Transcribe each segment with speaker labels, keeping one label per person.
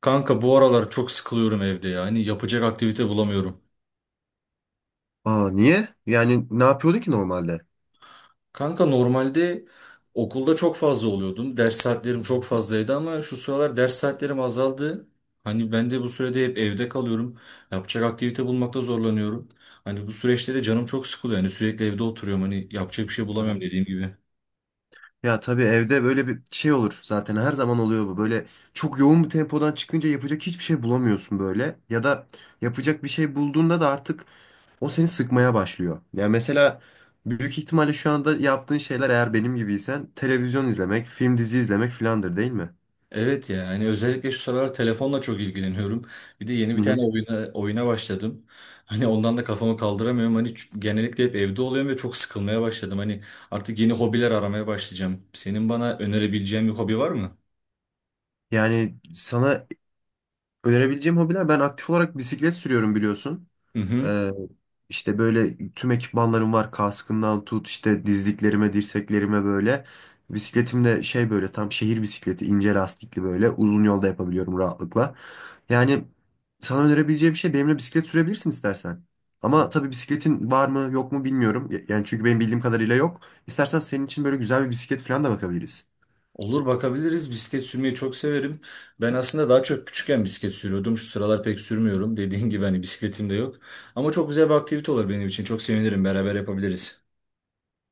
Speaker 1: Kanka bu aralar çok sıkılıyorum evde ya. Hani yapacak aktivite bulamıyorum.
Speaker 2: Aa niye? Yani ne yapıyordu ki normalde?
Speaker 1: Kanka normalde okulda çok fazla oluyordum. Ders saatlerim çok fazlaydı ama şu sıralar ders saatlerim azaldı. Hani ben de bu sürede hep evde kalıyorum. Yapacak aktivite bulmakta zorlanıyorum. Hani bu süreçte de canım çok sıkılıyor. Hani sürekli evde oturuyorum. Hani yapacak bir şey
Speaker 2: Aha.
Speaker 1: bulamıyorum dediğim gibi.
Speaker 2: Ya tabii evde böyle bir şey olur zaten her zaman oluyor bu. Böyle çok yoğun bir tempodan çıkınca yapacak hiçbir şey bulamıyorsun böyle. Ya da yapacak bir şey bulduğunda da artık o seni sıkmaya başlıyor. Yani mesela büyük ihtimalle şu anda yaptığın şeyler eğer benim gibiysen televizyon izlemek, film dizi izlemek filandır değil mi?
Speaker 1: Evet ya, hani özellikle şu sıralar telefonla çok ilgileniyorum. Bir de yeni
Speaker 2: Hı
Speaker 1: bir
Speaker 2: hı.
Speaker 1: tane oyuna başladım. Hani ondan da kafamı kaldıramıyorum. Hani genellikle hep evde oluyorum ve çok sıkılmaya başladım. Hani artık yeni hobiler aramaya başlayacağım. Senin bana önerebileceğin bir hobi var mı?
Speaker 2: Yani sana önerebileceğim hobiler ben aktif olarak bisiklet sürüyorum biliyorsun.
Speaker 1: Hı hı.
Speaker 2: Ee, işte böyle tüm ekipmanlarım var. Kaskından tut işte dizliklerime, dirseklerime böyle. Bisikletim de şey böyle tam şehir bisikleti ince lastikli böyle. Uzun yolda yapabiliyorum rahatlıkla. Yani sana önerebileceğim şey benimle bisiklet sürebilirsin istersen. Ama tabii bisikletin var mı yok mu bilmiyorum. Yani çünkü benim bildiğim kadarıyla yok. İstersen senin için böyle güzel bir bisiklet falan da bakabiliriz.
Speaker 1: Olur, bakabiliriz. Bisiklet sürmeyi çok severim. Ben aslında daha çok küçükken bisiklet sürüyordum. Şu sıralar pek sürmüyorum. Dediğin gibi hani bisikletim de yok. Ama çok güzel bir aktivite olur benim için. Çok sevinirim. Beraber yapabiliriz.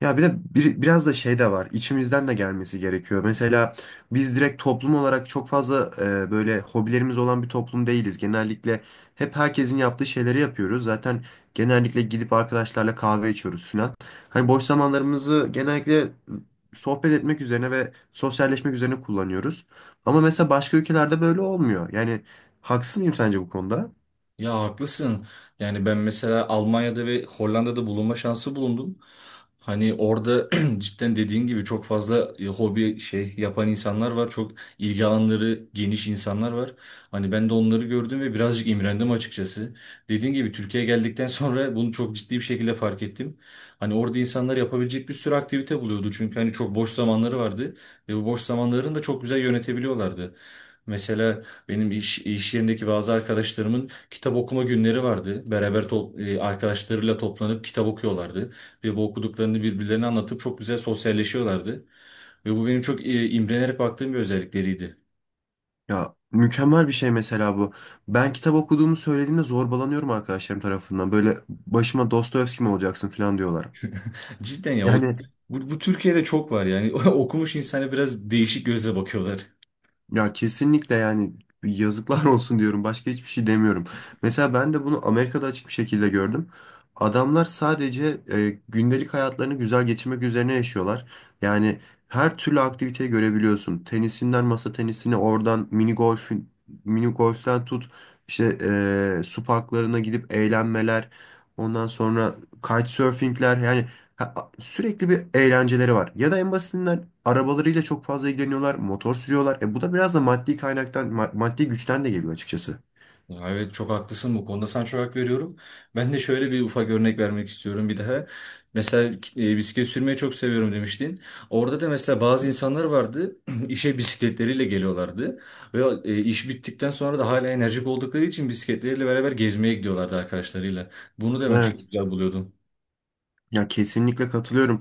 Speaker 2: Ya bir de biraz da şey de var. İçimizden de gelmesi gerekiyor. Mesela biz direkt toplum olarak çok fazla böyle hobilerimiz olan bir toplum değiliz. Genellikle hep herkesin yaptığı şeyleri yapıyoruz. Zaten genellikle gidip arkadaşlarla kahve içiyoruz falan. Hani boş zamanlarımızı genellikle sohbet etmek üzerine ve sosyalleşmek üzerine kullanıyoruz. Ama mesela başka ülkelerde böyle olmuyor. Yani haksız mıyım sence bu konuda?
Speaker 1: Ya haklısın. Yani ben mesela Almanya'da ve Hollanda'da bulunma şansı bulundum. Hani orada cidden dediğin gibi çok fazla hobi şey yapan insanlar var. Çok ilgi alanları geniş insanlar var. Hani ben de onları gördüm ve birazcık imrendim açıkçası. Dediğin gibi Türkiye'ye geldikten sonra bunu çok ciddi bir şekilde fark ettim. Hani orada insanlar yapabilecek bir sürü aktivite buluyordu. Çünkü hani çok boş zamanları vardı ve bu boş zamanlarını da çok güzel yönetebiliyorlardı. Mesela benim iş yerindeki bazı arkadaşlarımın kitap okuma günleri vardı. Beraber arkadaşlarıyla toplanıp kitap okuyorlardı. Ve bu okuduklarını birbirlerine anlatıp çok güzel sosyalleşiyorlardı. Ve bu benim çok imrenerek baktığım bir özellikleriydi.
Speaker 2: Ya mükemmel bir şey mesela bu. Ben kitap okuduğumu söylediğimde zorbalanıyorum arkadaşlarım tarafından. Böyle başıma Dostoyevski mi olacaksın falan diyorlar.
Speaker 1: Cidden ya o,
Speaker 2: Yani.
Speaker 1: bu, bu Türkiye'de çok var yani. Okumuş insana biraz değişik gözle bakıyorlar.
Speaker 2: Ya kesinlikle yani yazıklar olsun diyorum. Başka hiçbir şey demiyorum. Mesela ben de bunu Amerika'da açık bir şekilde gördüm. Adamlar sadece gündelik hayatlarını güzel geçirmek üzerine yaşıyorlar. Yani her türlü aktiviteyi görebiliyorsun. Tenisinden masa tenisine, oradan mini golf, mini golf'ten tut işte su parklarına gidip eğlenmeler. Ondan sonra kitesurfingler yani. Ha, sürekli bir eğlenceleri var. Ya da en basitinden arabalarıyla çok fazla ilgileniyorlar, motor sürüyorlar. E bu da biraz da maddi kaynaktan, maddi güçten de geliyor açıkçası.
Speaker 1: Ya, evet, çok haklısın bu konuda, sana çok hak veriyorum. Ben de şöyle bir ufak örnek vermek istiyorum bir daha. Mesela bisiklet sürmeyi çok seviyorum demiştin. Orada da mesela bazı insanlar vardı işe bisikletleriyle geliyorlardı. Ve iş bittikten sonra da hala enerjik oldukları için bisikletleriyle beraber gezmeye gidiyorlardı arkadaşlarıyla. Bunu da ben çok
Speaker 2: Evet.
Speaker 1: güzel buluyordum.
Speaker 2: Ya kesinlikle katılıyorum.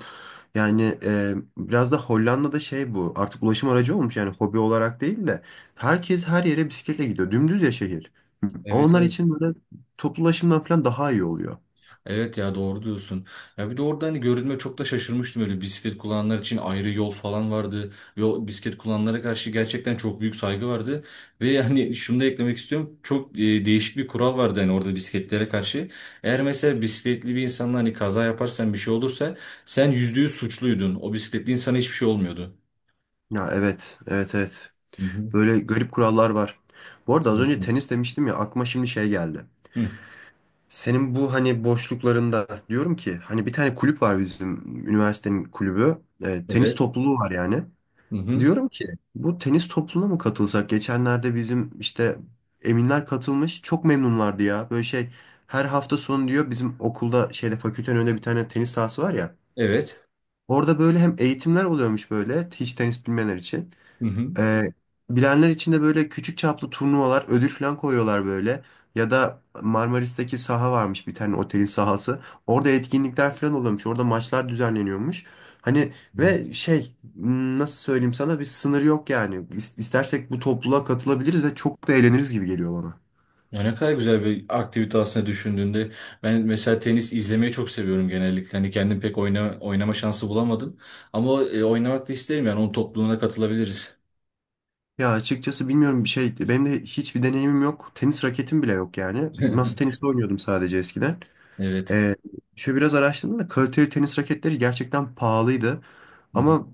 Speaker 2: Yani biraz da Hollanda'da şey bu. Artık ulaşım aracı olmuş yani hobi olarak değil de herkes her yere bisikletle gidiyor. Dümdüz ya şehir.
Speaker 1: Evet,
Speaker 2: Onlar
Speaker 1: evet.
Speaker 2: için böyle toplu ulaşımdan falan daha iyi oluyor.
Speaker 1: Evet ya, doğru diyorsun. Ya bir de orada hani görünme çok da şaşırmıştım, öyle bisiklet kullananlar için ayrı yol falan vardı. Yol bisiklet kullananlara karşı gerçekten çok büyük saygı vardı. Ve yani şunu da eklemek istiyorum. Çok değişik bir kural vardı hani orada bisikletlere karşı. Eğer mesela bisikletli bir insanla hani kaza yaparsan bir şey olursa sen %100 suçluydun. O bisikletli insana hiçbir şey olmuyordu.
Speaker 2: Ya evet, evet, evet.
Speaker 1: Hı hı.
Speaker 2: Böyle garip kurallar var. Bu arada az önce tenis demiştim ya aklıma şimdi şey geldi.
Speaker 1: Hı.
Speaker 2: Senin bu hani boşluklarında diyorum ki hani bir tane kulüp var bizim üniversitenin kulübü. E, tenis
Speaker 1: Evet.
Speaker 2: topluluğu var yani.
Speaker 1: Hı hı.
Speaker 2: Diyorum ki bu tenis topluluğuna mı katılsak? Geçenlerde bizim işte Eminler katılmış. Çok memnunlardı ya. Böyle şey her hafta sonu diyor bizim okulda şeyde fakültenin önünde bir tane tenis sahası var ya.
Speaker 1: Evet.
Speaker 2: Orada böyle hem eğitimler oluyormuş böyle hiç tenis bilmeyenler için.
Speaker 1: Hı hı.
Speaker 2: Ee, bilenler için de böyle küçük çaplı turnuvalar, ödül falan koyuyorlar böyle. Ya da Marmaris'teki saha varmış bir tane otelin sahası. Orada etkinlikler falan oluyormuş. Orada maçlar düzenleniyormuş. Hani ve şey nasıl söyleyeyim sana bir sınır yok yani. İstersek bu topluluğa katılabiliriz ve çok da eğleniriz gibi geliyor bana.
Speaker 1: Ya ne kadar güzel bir aktivite aslında düşündüğünde. Ben mesela tenis izlemeyi çok seviyorum genellikle. Hani kendim pek oynama şansı bulamadım. Ama oynamak da isterim, yani onun topluluğuna katılabiliriz.
Speaker 2: Ya açıkçası bilmiyorum bir şey benim de hiçbir deneyimim yok. Tenis raketim bile yok yani. Masa tenisi oynuyordum sadece eskiden.
Speaker 1: Evet.
Speaker 2: Ee, şöyle biraz araştırdım da kaliteli tenis raketleri gerçekten pahalıydı.
Speaker 1: Hı hı.
Speaker 2: Ama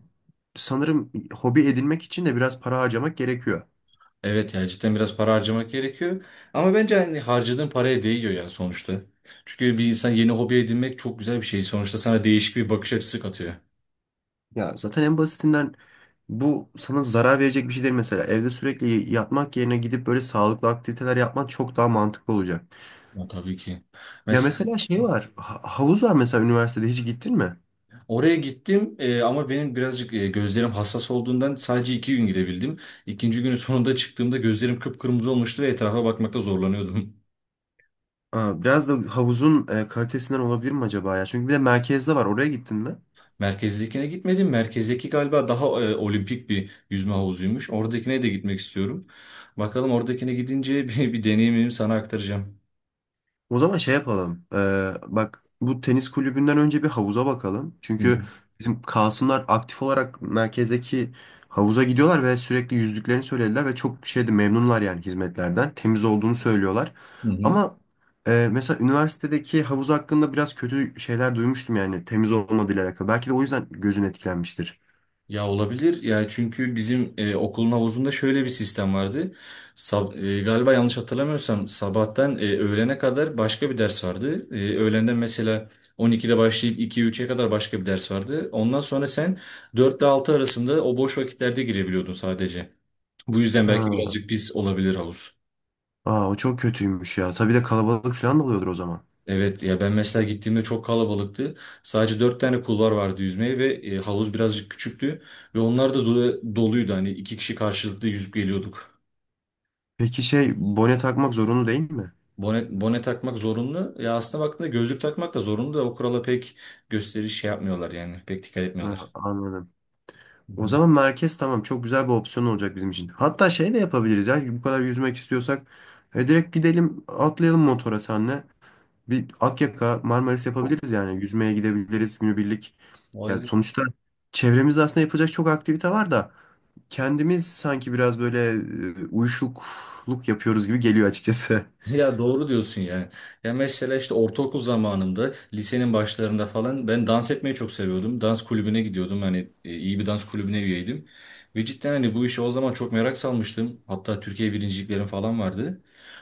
Speaker 2: sanırım hobi edinmek için de biraz para harcamak gerekiyor.
Speaker 1: Evet ya, cidden biraz para harcamak gerekiyor. Ama bence hani harcadığın paraya değiyor ya, sonuçta. Çünkü bir insan yeni hobi edinmek çok güzel bir şey. Sonuçta sana değişik bir bakış açısı katıyor.
Speaker 2: Ya zaten en basitinden bu sana zarar verecek bir şey değil mesela. Evde sürekli yatmak yerine gidip böyle sağlıklı aktiviteler yapman çok daha mantıklı olacak.
Speaker 1: Ya tabii ki.
Speaker 2: Ya
Speaker 1: Mesela,
Speaker 2: mesela şey var, havuz var mesela üniversitede hiç gittin mi?
Speaker 1: oraya gittim, ama benim birazcık gözlerim hassas olduğundan sadece 2 gün gidebildim. İkinci günün sonunda çıktığımda gözlerim kıpkırmızı olmuştu ve etrafa bakmakta zorlanıyordum.
Speaker 2: Aa, biraz da havuzun kalitesinden olabilir mi acaba ya? Çünkü bir de merkezde var. Oraya gittin mi?
Speaker 1: Merkezdekine gitmedim. Merkezdeki galiba daha olimpik bir yüzme havuzuymuş. Oradakine de gitmek istiyorum. Bakalım, oradakine gidince bir deneyimimi sana aktaracağım.
Speaker 2: O zaman şey yapalım. Bak bu tenis kulübünden önce bir havuza bakalım.
Speaker 1: Hı hı.
Speaker 2: Çünkü bizim Kasımlar aktif olarak merkezdeki havuza gidiyorlar ve sürekli yüzdüklerini söylediler ve çok şeyde memnunlar yani hizmetlerden. Temiz olduğunu söylüyorlar.
Speaker 1: Hı hı.
Speaker 2: Ama mesela üniversitedeki havuz hakkında biraz kötü şeyler duymuştum yani temiz olmadığıyla alakalı. Belki de o yüzden gözün etkilenmiştir.
Speaker 1: Ya olabilir. Yani çünkü bizim okulun havuzunda şöyle bir sistem vardı. Galiba yanlış hatırlamıyorsam sabahtan öğlene kadar başka bir ders vardı. Öğlenden mesela 12'de başlayıp 2-3'e kadar başka bir ders vardı. Ondan sonra sen 4 ile 6 arasında o boş vakitlerde girebiliyordun sadece. Bu yüzden, evet. belki
Speaker 2: Ha.
Speaker 1: birazcık pis olabilir havuz.
Speaker 2: Aa o çok kötüymüş ya. Tabii de kalabalık falan da oluyordur o zaman.
Speaker 1: Evet ya, ben mesela gittiğimde çok kalabalıktı. Sadece 4 tane kulvar vardı yüzmeye ve havuz birazcık küçüktü. Ve onlar da doluydu. Hani iki kişi karşılıklı yüzüp geliyorduk.
Speaker 2: Peki şey bone takmak zorunlu değil mi?
Speaker 1: Bone takmak zorunlu. Ya aslında baktığında gözlük takmak da zorunlu da, o kurala pek gösteriş şey yapmıyorlar yani. Pek dikkat etmiyorlar.
Speaker 2: Ha, anladım.
Speaker 1: Hı
Speaker 2: O
Speaker 1: hı.
Speaker 2: zaman merkez tamam çok güzel bir opsiyon olacak bizim için. Hatta şey de yapabiliriz ya bu kadar yüzmek istiyorsak direkt gidelim atlayalım motora senle. Bir Akyaka Marmaris yapabiliriz yani yüzmeye gidebiliriz günübirlik.
Speaker 1: O
Speaker 2: Ya sonuçta çevremizde aslında yapacak çok aktivite var da kendimiz sanki biraz böyle uyuşukluk yapıyoruz gibi geliyor açıkçası.
Speaker 1: Ya, doğru diyorsun yani. Ya mesela işte ortaokul zamanımda, lisenin başlarında falan ben dans etmeyi çok seviyordum. Dans kulübüne gidiyordum. Hani iyi bir dans kulübüne üyeydim. Ve cidden hani bu işe o zaman çok merak salmıştım. Hatta Türkiye birinciliklerim falan vardı.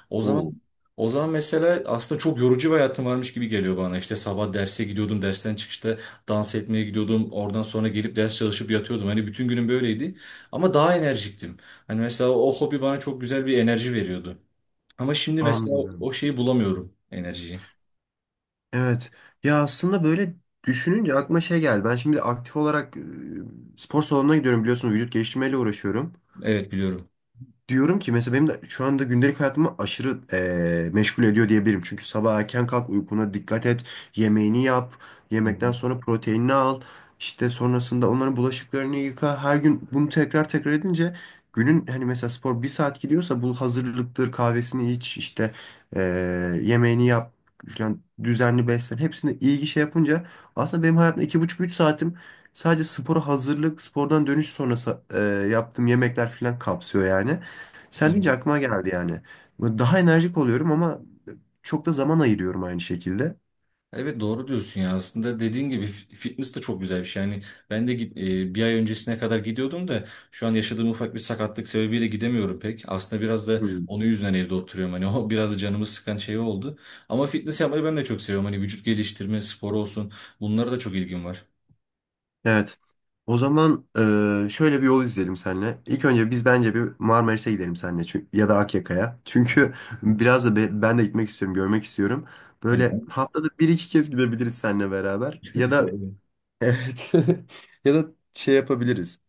Speaker 1: O zaman
Speaker 2: Oo.
Speaker 1: o zaman mesela aslında çok yorucu bir hayatım varmış gibi geliyor bana. İşte sabah derse gidiyordum, dersten çıkışta dans etmeye gidiyordum. Oradan sonra gelip ders çalışıp yatıyordum. Hani bütün günüm böyleydi. Ama daha enerjiktim. Hani mesela o hobi bana çok güzel bir enerji veriyordu. Ama şimdi mesela o
Speaker 2: Anladım.
Speaker 1: şeyi bulamıyorum, enerjiyi.
Speaker 2: Evet. Ya aslında böyle düşününce aklıma şey geldi. Ben şimdi aktif olarak spor salonuna gidiyorum biliyorsun vücut geliştirmeyle uğraşıyorum
Speaker 1: Evet, biliyorum.
Speaker 2: diyorum ki mesela benim de şu anda gündelik hayatımı aşırı meşgul ediyor diyebilirim. Çünkü sabah erken kalk, uykuna dikkat et, yemeğini yap,
Speaker 1: Hı hı.
Speaker 2: yemekten sonra proteinini al, işte sonrasında onların bulaşıklarını yıka. Her gün bunu tekrar tekrar edince günün hani mesela spor 1 saat gidiyorsa bu hazırlıktır, kahvesini iç, işte eee, yemeğini yap falan düzenli beslen. Hepsini ilgi şey yapınca aslında benim hayatımda iki buçuk üç saatim sadece spora hazırlık, spordan dönüş sonrası yaptığım yemekler falan kapsıyor yani. Sen deyince
Speaker 1: Evet.
Speaker 2: aklıma geldi yani. Böyle daha enerjik oluyorum ama çok da zaman ayırıyorum aynı şekilde.
Speaker 1: Evet, doğru diyorsun ya. Aslında dediğin gibi fitness de çok güzel bir şey. Yani ben de bir ay öncesine kadar gidiyordum da şu an yaşadığım ufak bir sakatlık sebebiyle gidemiyorum pek. Aslında biraz da
Speaker 2: Hmm.
Speaker 1: onun yüzünden evde oturuyorum. Hani o biraz da canımı sıkan şey oldu. Ama fitness yapmayı ben de çok seviyorum. Hani vücut geliştirme, spor olsun. Bunlara da çok ilgim var.
Speaker 2: Evet. O zaman şöyle bir yol izleyelim seninle. İlk önce biz bence bir Marmaris'e gidelim seninle çünkü, ya da Akyaka'ya. Çünkü biraz da ben de gitmek istiyorum, görmek istiyorum. Böyle
Speaker 1: Tamam.
Speaker 2: haftada bir iki kez gidebiliriz seninle beraber. Ya da evet. Ya da şey yapabiliriz.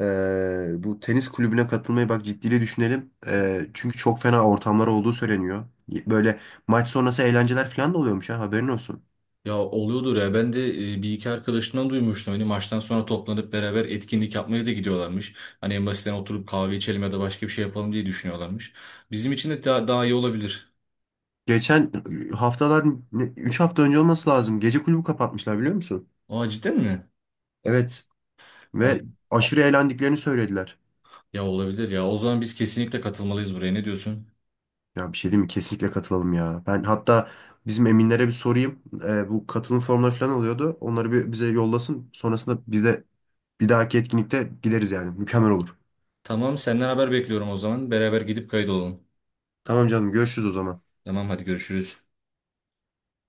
Speaker 2: Ee, bu tenis kulübüne katılmayı bak ciddiyle düşünelim. Çünkü çok fena ortamlar olduğu söyleniyor. Böyle maç sonrası eğlenceler falan da oluyormuş haberin olsun.
Speaker 1: Ya oluyordur ya. Ben de bir iki arkadaşımdan duymuştum. Hani maçtan sonra toplanıp beraber etkinlik yapmaya da gidiyorlarmış. Hani en basitinden oturup kahve içelim ya da başka bir şey yapalım diye düşünüyorlarmış. Bizim için de daha iyi olabilir.
Speaker 2: Geçen haftalar 3 hafta önce olması lazım. Gece kulübü kapatmışlar biliyor musun?
Speaker 1: Aa, cidden mi?
Speaker 2: Evet.
Speaker 1: Ol-
Speaker 2: Ve aşırı eğlendiklerini söylediler.
Speaker 1: Ya, olabilir ya. O zaman biz kesinlikle katılmalıyız buraya. Ne diyorsun?
Speaker 2: Ya bir şey diyeyim mi? Kesinlikle katılalım ya. Ben hatta bizim Eminlere bir sorayım. Bu katılım formları falan oluyordu. Onları bir bize yollasın. Sonrasında biz de bir dahaki etkinlikte gideriz yani. Mükemmel olur.
Speaker 1: Tamam, senden haber bekliyorum o zaman. Beraber gidip kayıt olalım.
Speaker 2: Tamam canım görüşürüz o zaman.
Speaker 1: Tamam, hadi görüşürüz.